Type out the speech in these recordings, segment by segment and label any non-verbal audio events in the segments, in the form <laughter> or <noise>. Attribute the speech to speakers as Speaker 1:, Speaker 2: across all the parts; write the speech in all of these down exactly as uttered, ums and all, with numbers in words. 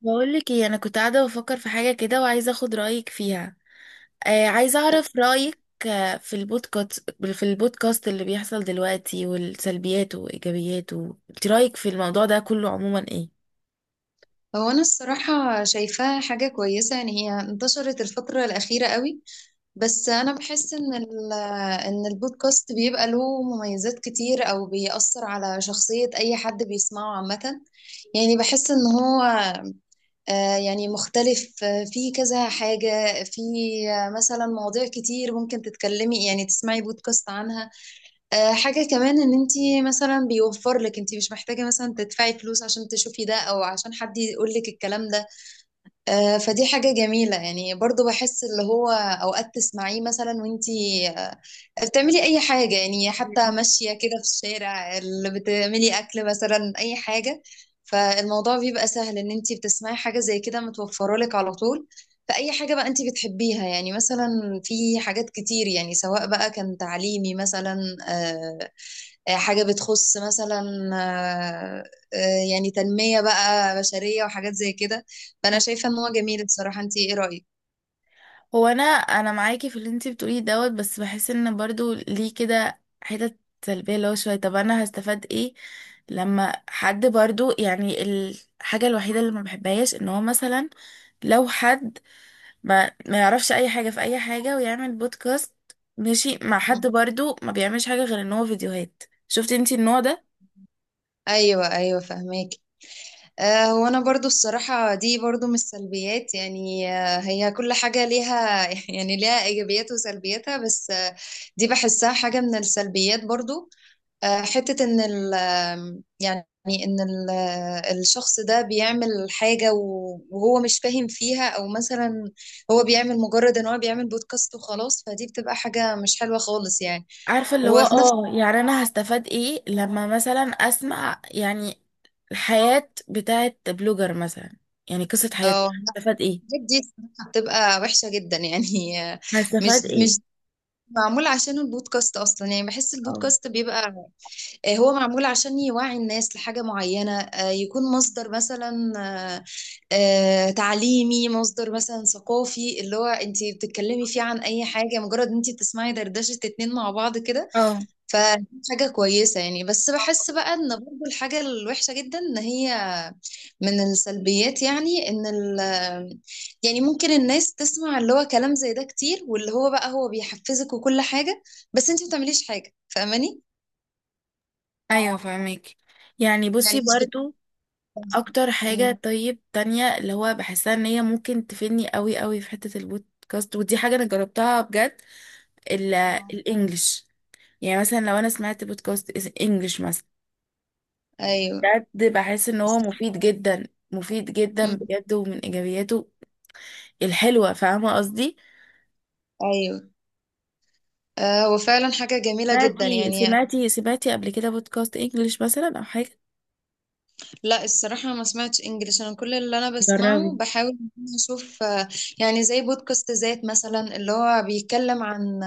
Speaker 1: بقول لك ايه، انا كنت قاعده بفكر في حاجه كده وعايزه اخد رايك فيها. آه عايزه اعرف رايك. آه، في البودكاست، في البودكاست اللي بيحصل دلوقتي والسلبيات وايجابياته، انت رايك في الموضوع ده كله عموما ايه؟
Speaker 2: هو أنا الصراحة شايفاها حاجة كويسة، يعني هي انتشرت الفترة الأخيرة قوي. بس أنا بحس إن ال- إن البودكاست بيبقى له مميزات كتير أو بيأثر على شخصية أي حد بيسمعه عامة. يعني بحس إن هو آه، يعني مختلف، آه، في كذا حاجة في، آه، مثلا مواضيع كتير ممكن تتكلمي يعني تسمعي بودكاست عنها. آه، حاجة كمان إن أنتي مثلا بيوفر لك، أنتي مش محتاجة مثلا تدفعي فلوس عشان تشوفي ده أو عشان حد يقول لك الكلام ده. آه، فدي حاجة جميلة يعني، برضو بحس اللي هو أوقات تسمعيه مثلا وانتي آه، بتعملي أي حاجة، يعني حتى ماشية كده في الشارع، اللي بتعملي أكل مثلا، أي حاجة. فالموضوع بيبقى سهل إن انتي بتسمعي حاجة زي كده متوفرة لك على طول، فأي حاجة بقى انتي بتحبيها، يعني مثلا في حاجات كتير، يعني سواء بقى كان تعليمي مثلا، آه، آه، حاجة بتخص مثلا، آه، آه، يعني تنمية بقى بشرية وحاجات زي كده. فأنا شايفة إن هو جميل، بصراحة أنت إيه رأيك؟
Speaker 1: هو انا انا معاكي في اللي انت بتقوليه دوت، بس بحس ان برضو ليه كده حتت سلبيه اللي هو شويه. طب انا هستفاد ايه لما حد برضو يعني. الحاجه الوحيده اللي ما بحبهاش ان هو مثلا لو حد ما ما يعرفش اي حاجة في اي حاجة ويعمل بودكاست، ماشي مع حد
Speaker 2: مم.
Speaker 1: برضو ما بيعملش حاجة غير ان هو فيديوهات. شفتي انتي النوع ده؟
Speaker 2: أيوة أيوة، فهماك. آه، هو أنا برضو الصراحة دي برضو من السلبيات، يعني آه، هي كل حاجة ليها <laughs> يعني ليها إيجابيات وسلبياتها، بس آه، دي بحسها حاجة من السلبيات برضو. آه، حتة إن ال يعني إن ال آه، الشخص ده بيعمل حاجة و- وهو مش فاهم فيها، أو مثلا هو بيعمل مجرد إن هو بيعمل بودكاست وخلاص، فدي بتبقى حاجة مش حلوة خالص يعني.
Speaker 1: عارفة اللي هو
Speaker 2: وفي نفس
Speaker 1: اه، يعني انا هستفاد ايه لما مثلا اسمع يعني الحياة بتاعت بلوجر مثلا؟ يعني قصة حياته
Speaker 2: اه لا،
Speaker 1: هستفاد ايه؟
Speaker 2: الحاجات دي الصراحة بتبقى وحشة جدا، يعني آه، مش
Speaker 1: هستفاد ايه؟
Speaker 2: مش معمول عشان البودكاست أصلا. يعني بحس
Speaker 1: اه.
Speaker 2: البودكاست بيبقى آه، هو معمول عشان يوعي الناس لحاجة معينة، آه، يكون مصدر مثلا، آه، آه، تعليمي، مصدر مثلا ثقافي، اللي هو انت بتتكلمي فيه عن اي حاجة، مجرد انت بتسمعي دردشة اتنين مع بعض كده.
Speaker 1: اه.
Speaker 2: فحاجة كويسة يعني، بس بحس بقى ان برضو الحاجة الوحشة جدا ان هي من السلبيات، يعني ان ال آه، يعني ممكن الناس تسمع اللي هو كلام زي ده كتير، واللي هو بقى هو بيحفزك وكل حاجة، بس انت ما بتعمليش حاجة، فاهماني؟
Speaker 1: ايوه فاهمك. يعني بصي
Speaker 2: يعني مش
Speaker 1: برضو، اكتر
Speaker 2: بت...
Speaker 1: حاجة طيب تانية اللي هو بحسها ان هي ممكن تفيدني قوي قوي في حتة البودكاست، ودي حاجة انا جربتها بجد. ال-
Speaker 2: آه.
Speaker 1: الانجليش. يعني مثلا لو انا سمعت بودكاست إس- انجليش مثلا،
Speaker 2: ايوه.
Speaker 1: بجد بحس ان هو مفيد جدا، مفيد جدا
Speaker 2: مم.
Speaker 1: بجد، ومن ايجابياته الحلوة. فاهمة قصدي؟
Speaker 2: ايوه. آه، هو فعلا حاجة جميلة جدا
Speaker 1: سمعتي
Speaker 2: يعني.
Speaker 1: سمعتي سمعتي قبل كده بودكاست انجليش مثلا او حاجة؟
Speaker 2: لا الصراحة ما سمعتش انجليش، انا كل اللي انا بسمعه
Speaker 1: جربي.
Speaker 2: بحاول إن أنا اشوف، آه يعني زي بودكاست ذات مثلا، اللي هو بيتكلم عن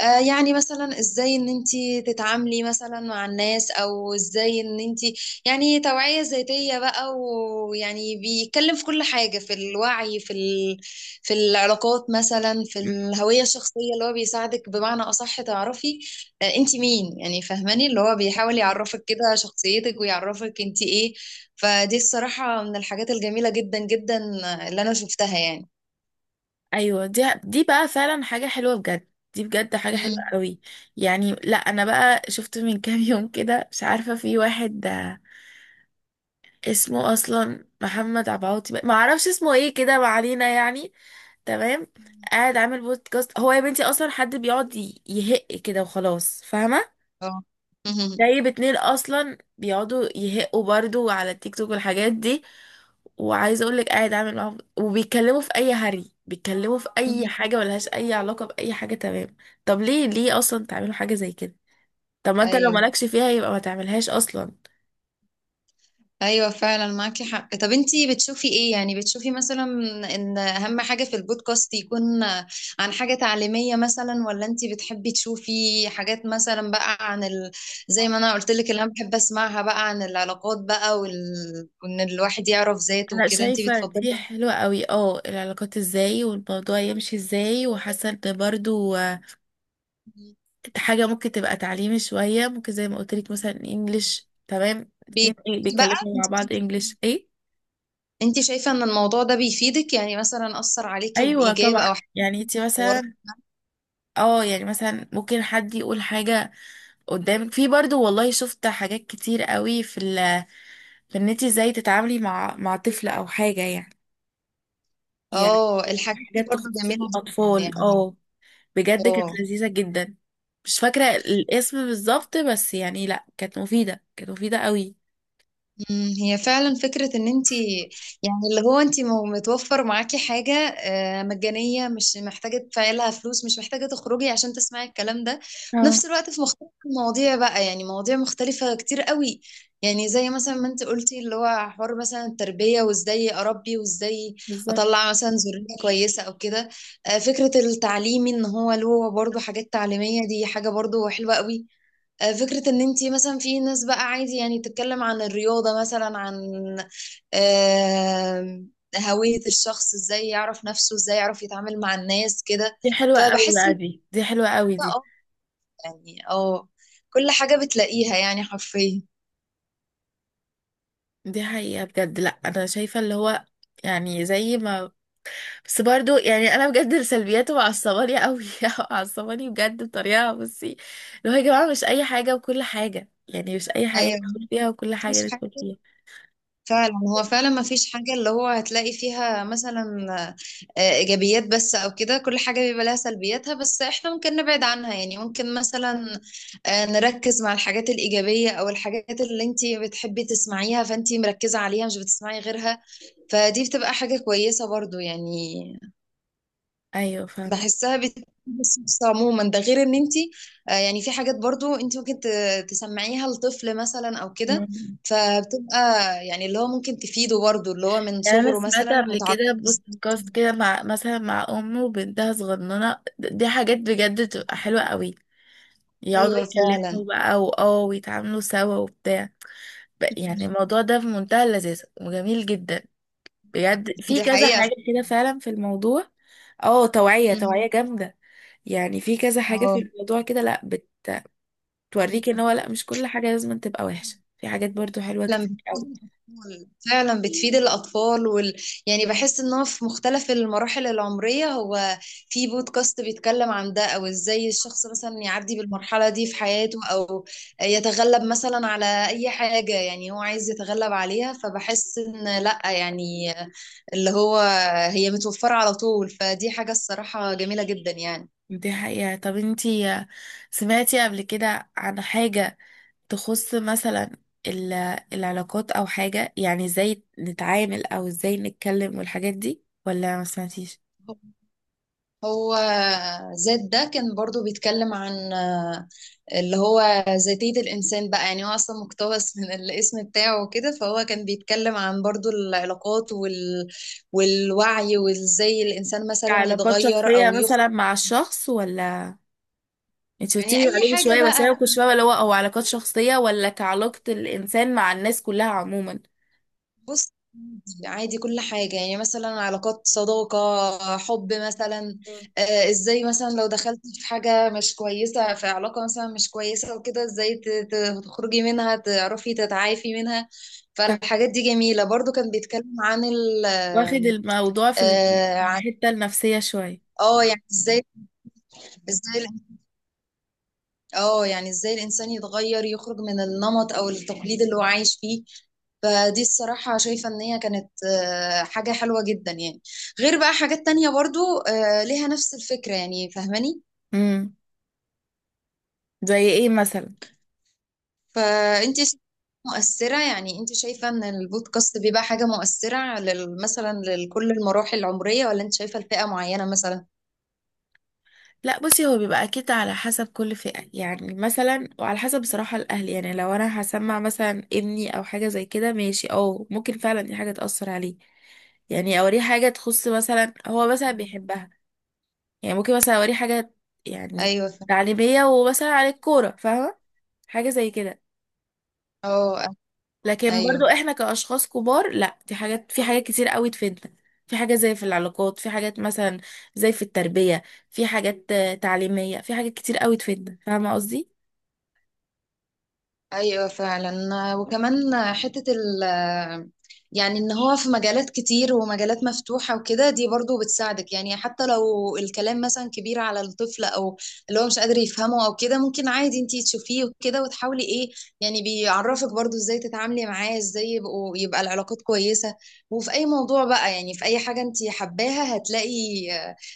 Speaker 2: آه، يعني مثلا ازاي ان انتي تتعاملي مثلا مع الناس، او ازاي ان انتي، يعني توعية ذاتية بقى، ويعني بيتكلم في كل حاجة، في الوعي، في ال... في العلاقات مثلا، في الهوية الشخصية، اللي هو بيساعدك بمعنى اصح تعرفي آه، انتي مين، يعني فاهماني، اللي هو بيحاول يعرفك كده شخصيتك ويعرفك انتي ايه. فدي الصراحة من الحاجات الجميلة جدا جدا آه، اللي انا شفتها يعني.
Speaker 1: ايوه دي دي بقى فعلا حاجه حلوه بجد، دي بجد حاجه حلوه
Speaker 2: مم.
Speaker 1: قوي. يعني لا انا بقى شفت من كام يوم كده، مش عارفه، في واحد اسمه اصلا محمد عبعوتي، ما اعرفش اسمه ايه كده، ما علينا يعني. تمام. قاعد عامل بودكاست هو يا بنتي، اصلا حد بيقعد ي- يهق كده وخلاص؟ فاهمه؟
Speaker 2: اه. <laughs>
Speaker 1: جايب اتنين اصلا بيقعدوا يهقوا برضو على التيك توك والحاجات دي، وعايزه اقول لك قاعد عامل معاهم وبيتكلموا في اي هري، بيتكلموا في اي حاجه ملهاش اي علاقه باي حاجه. تمام. طب ليه ليه اصلا تعملوا حاجه زي كده؟ طب ما انت لو
Speaker 2: ايوه
Speaker 1: مالكش فيها يبقى ما تعملهاش اصلا.
Speaker 2: ايوه، فعلا معاكي حق. طب انتي بتشوفي ايه، يعني بتشوفي مثلا ان اهم حاجة في البودكاست يكون عن حاجة تعليمية مثلا، ولا انتي بتحبي تشوفي حاجات مثلا بقى عن ال... زي ما انا قلت لك، اللي انا بحب اسمعها بقى عن العلاقات بقى وال... وان الواحد يعرف ذاته
Speaker 1: انا
Speaker 2: وكده، انتي
Speaker 1: شايفه
Speaker 2: بتفضلي
Speaker 1: دي حلوه قوي، اه، العلاقات ازاي والموضوع يمشي ازاي، وحاسه ان برضو آه، حاجه ممكن تبقى تعليمي شويه، ممكن زي ما قلت لك مثلا انجليش، تمام؟ اتنين
Speaker 2: بي...
Speaker 1: إيه
Speaker 2: بقى
Speaker 1: بيتكلموا مع بعض انجليش ايه.
Speaker 2: انتي شايفة ان الموضوع ده بيفيدك، يعني مثلا اثر عليكي
Speaker 1: ايوه
Speaker 2: بايجاب
Speaker 1: طبعا.
Speaker 2: او
Speaker 1: يعني انت
Speaker 2: حوار؟
Speaker 1: مثلا اه، يعني مثلا ممكن حد يقول حاجه قدامك، في برضو والله شفت حاجات كتير قوي في ال، في ان انت ازاي تتعاملي مع مع طفل او حاجه يعني. يعني
Speaker 2: اه، الحاجات دي
Speaker 1: حاجات
Speaker 2: برضه
Speaker 1: تخص
Speaker 2: جميلة جدا
Speaker 1: الاطفال،
Speaker 2: يعني.
Speaker 1: اه، بجد كانت
Speaker 2: اه.
Speaker 1: لذيذة جدا. مش فاكرة الاسم بالظبط بس يعني لا، كانت مفيدة، كانت مفيدة قوي.
Speaker 2: مم، هي فعلا فكرة ان انت، يعني اللي هو انت متوفر معاكي حاجة آه، مجانية، مش محتاجة تدفعي لها فلوس، مش محتاجة تخرجي عشان تسمعي الكلام ده، في
Speaker 1: اه.
Speaker 2: نفس الوقت في مختلف المواضيع بقى، يعني مواضيع مختلفة كتير قوي. يعني زي مثلا ما انت قلتي، اللي هو حوار مثلا التربية، وازاي اربي، وازاي
Speaker 1: بالظبط.
Speaker 2: اطلع مثلا ذرية كويسة او كده. آه، فكرة التعليمي ان هو له برضه حاجات تعليمية، دي حاجة برضه حلوة قوي. آه، فكرة ان انتي مثلا في ناس بقى عادي يعني تتكلم عن الرياضة مثلا، عن آه، هوية الشخص، ازاي يعرف نفسه، ازاي يعرف يتعامل مع الناس كده.
Speaker 1: دي حلوة قوي
Speaker 2: فبحس
Speaker 1: بقى،
Speaker 2: ان
Speaker 1: دي دي حلوة قوي
Speaker 2: أنا
Speaker 1: دي.
Speaker 2: اه يعني اه كل حاجة بتلاقيها يعني حرفيا.
Speaker 1: دي حقيقة بجد. لا انا شايفة اللي هو يعني زي ما، بس برضو يعني انا بجد سلبياته معصباني قوي <laughs> معصباني بجد بطريقة. بصي، اللي هو يا جماعة مش اي حاجة وكل حاجة، يعني مش اي حاجة
Speaker 2: ايوه،
Speaker 1: ندخل فيها وكل حاجة
Speaker 2: مفيش
Speaker 1: ندخل
Speaker 2: حاجة.
Speaker 1: فيها.
Speaker 2: فعلا هو، فعلا ما فيش حاجة اللي هو هتلاقي فيها مثلا آه، إيجابيات بس أو كده، كل حاجة بيبقى لها سلبياتها، بس إحنا ممكن نبعد عنها، يعني ممكن مثلا آه، نركز مع الحاجات الإيجابية أو الحاجات اللي أنتي بتحبي تسمعيها، فأنتي مركزة عليها مش بتسمعي غيرها، فدي بتبقى حاجة كويسة برضو يعني.
Speaker 1: ايوه فاهمة.
Speaker 2: بحسها بت- بس بس عموما ده غير ان انت آه، يعني في حاجات برضو انت ممكن ت- تسمعيها لطفل مثلا او كده، فبتبقى يعني اللي هو ممكن تفيده برضو، اللي هو من
Speaker 1: يعني انا
Speaker 2: صغره
Speaker 1: سمعت
Speaker 2: مثلا
Speaker 1: قبل
Speaker 2: متعرف
Speaker 1: كده
Speaker 2: إزاي.
Speaker 1: بودكاست كده مع مثلا مع ام وبنتها صغننه، دي حاجات بجد تبقى حلوه قوي. يقعدوا
Speaker 2: ايوه فعلا.
Speaker 1: يتكلموا بقى واه، ويتعاملوا سوا وبتاع، ب- يعني
Speaker 2: <laughs>
Speaker 1: الموضوع ده في منتهى اللذاذه وجميل جدا. بجد في
Speaker 2: دي
Speaker 1: كذا
Speaker 2: حقيقة.
Speaker 1: حاجه كده فعلا في الموضوع. اه، توعيه،
Speaker 2: مم.
Speaker 1: توعيه جامده. يعني في كذا حاجه في
Speaker 2: اه.
Speaker 1: الموضوع كده، لا بت- بتوريك ان هو لا، مش كل حاجه لازم تبقى وحشه، في حاجات برضو حلوه
Speaker 2: فعلا
Speaker 1: كتير
Speaker 2: بتفيد
Speaker 1: قوي.
Speaker 2: الأطفال فعلا بتفيد الأطفال وال... يعني بحس إن هو في مختلف المراحل العمرية، هو في بودكاست بيتكلم عن ده، أو إزاي الشخص مثلا يعدي بالمرحلة دي في حياته، أو يتغلب مثلا على أي حاجة يعني هو عايز يتغلب عليها، فبحس إن لأ يعني اللي هو هي متوفرة على طول، فدي حاجة الصراحة جميلة جدا يعني.
Speaker 1: دي حقيقة. طب انتي سمعتي قبل كده عن حاجة تخص مثلا ال- العلاقات او حاجة، يعني ازاي نتعامل او ازاي نتكلم والحاجات دي، ولا ما سمعتيش؟
Speaker 2: هو ذات ده كان برضو بيتكلم عن آه، اللي هو ذاتية الإنسان بقى، يعني هو أصلا مقتبس <laughs> من الاسم بتاعه وكده. فهو كان بيتكلم عن برضو العلاقات وال... والوعي، وإزاي الإنسان مثلا
Speaker 1: علاقات
Speaker 2: يتغير
Speaker 1: شخصية
Speaker 2: أو يخطئ.
Speaker 1: مثلا مع الشخص، ولا انتي
Speaker 2: يعني
Speaker 1: قلتيلي
Speaker 2: أي
Speaker 1: عليه من
Speaker 2: حاجة
Speaker 1: شوية بس
Speaker 2: بقى،
Speaker 1: انا كنت فاهمة اللي هو او علاقات شخصية ولا كعلاقة الانسان مع الناس كلها عموما؟
Speaker 2: بص عادي عادي، كل حاجة، يعني مثلا علاقات صداقة حب مثلا،
Speaker 1: مم.
Speaker 2: آه، ازاي مثلا لو دخلت في حاجة مش كويسة، في علاقة مثلا مش كويسة وكده، ازاي ت- ت- تخرجي منها، تعرفي تتعافي منها. فالحاجات دي جميلة، برضو كان بيتكلم عن ال
Speaker 1: واخد الموضوع في
Speaker 2: آه، عن
Speaker 1: الحتة النفسية شوية.
Speaker 2: اه يعني ازاي ازاي اه يعني ازاي الانسان يتغير، يخرج من النمط او التقليد اللي هو عايش فيه. فدي الصراحة شايفة ان هي كانت آه، حاجة حلوة جدا يعني، غير بقى حاجات تانية برضو آه، ليها نفس الفكرة، يعني فاهماني.
Speaker 1: امم، زي ايه مثلا؟
Speaker 2: فانت شايفة مؤثرة، يعني انت شايفة ان البودكاست بيبقى حاجة مؤثرة لل- مثلا لكل المراحل العمرية، ولا انت شايفة لفئة معينة مثلا؟
Speaker 1: لا بصي، هو بيبقى اكيد على حسب كل فئة، يعني مثلا وعلى حسب بصراحة الاهل. يعني لو انا هسمع مثلا ابني او حاجة زي كده، ماشي، اه ممكن فعلا دي حاجة تأثر عليه. يعني اوريه حاجة تخص مثلا هو مثلا بيحبها، يعني ممكن مثلا اوريه حاجة يعني
Speaker 2: ايوه فاهمة.
Speaker 1: تعليمية ومثلا عن الكورة، فاهمة؟ حاجة زي كده.
Speaker 2: اه.
Speaker 1: لكن برضو
Speaker 2: ايوه
Speaker 1: احنا كأشخاص كبار لا، دي حاجات، في حاجات كتير قوي تفيدنا، في حاجات زي في العلاقات، في حاجات مثلا زي في التربية، في حاجات آه، تعليمية، في حاجات كتير قوي تفيدنا. فاهمة قصدي؟
Speaker 2: ايوه، فعلا. وكمان حتة ال يعني ان هو في مجالات كتير ومجالات مفتوحة وكده، دي برضو بتساعدك، يعني حتى لو الكلام مثلا كبير على الطفل او اللي هو مش قادر يفهمه او كده، ممكن عادي انتي تشوفيه وكده، وتحاولي ايه يعني، بيعرفك برضو ازاي تتعاملي معاه، ازاي يبقوا يبقى العلاقات كويسة. وفي اي موضوع بقى، يعني في اي حاجة انتي حباها، هتلاقي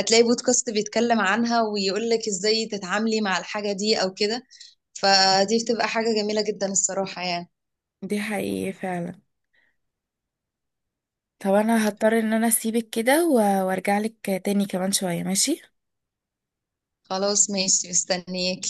Speaker 2: هتلاقي بودكاست بيتكلم عنها، ويقولك ازاي تتعاملي مع الحاجة دي او كده، فدي بتبقى حاجة جميلة جدا الصراحة يعني.
Speaker 1: دي حقيقة فعلا. طب انا هضطر ان انا اسيبك كده و- وارجع لك تاني كمان شوية، ماشي؟
Speaker 2: خلاص ماشي، مستنيك.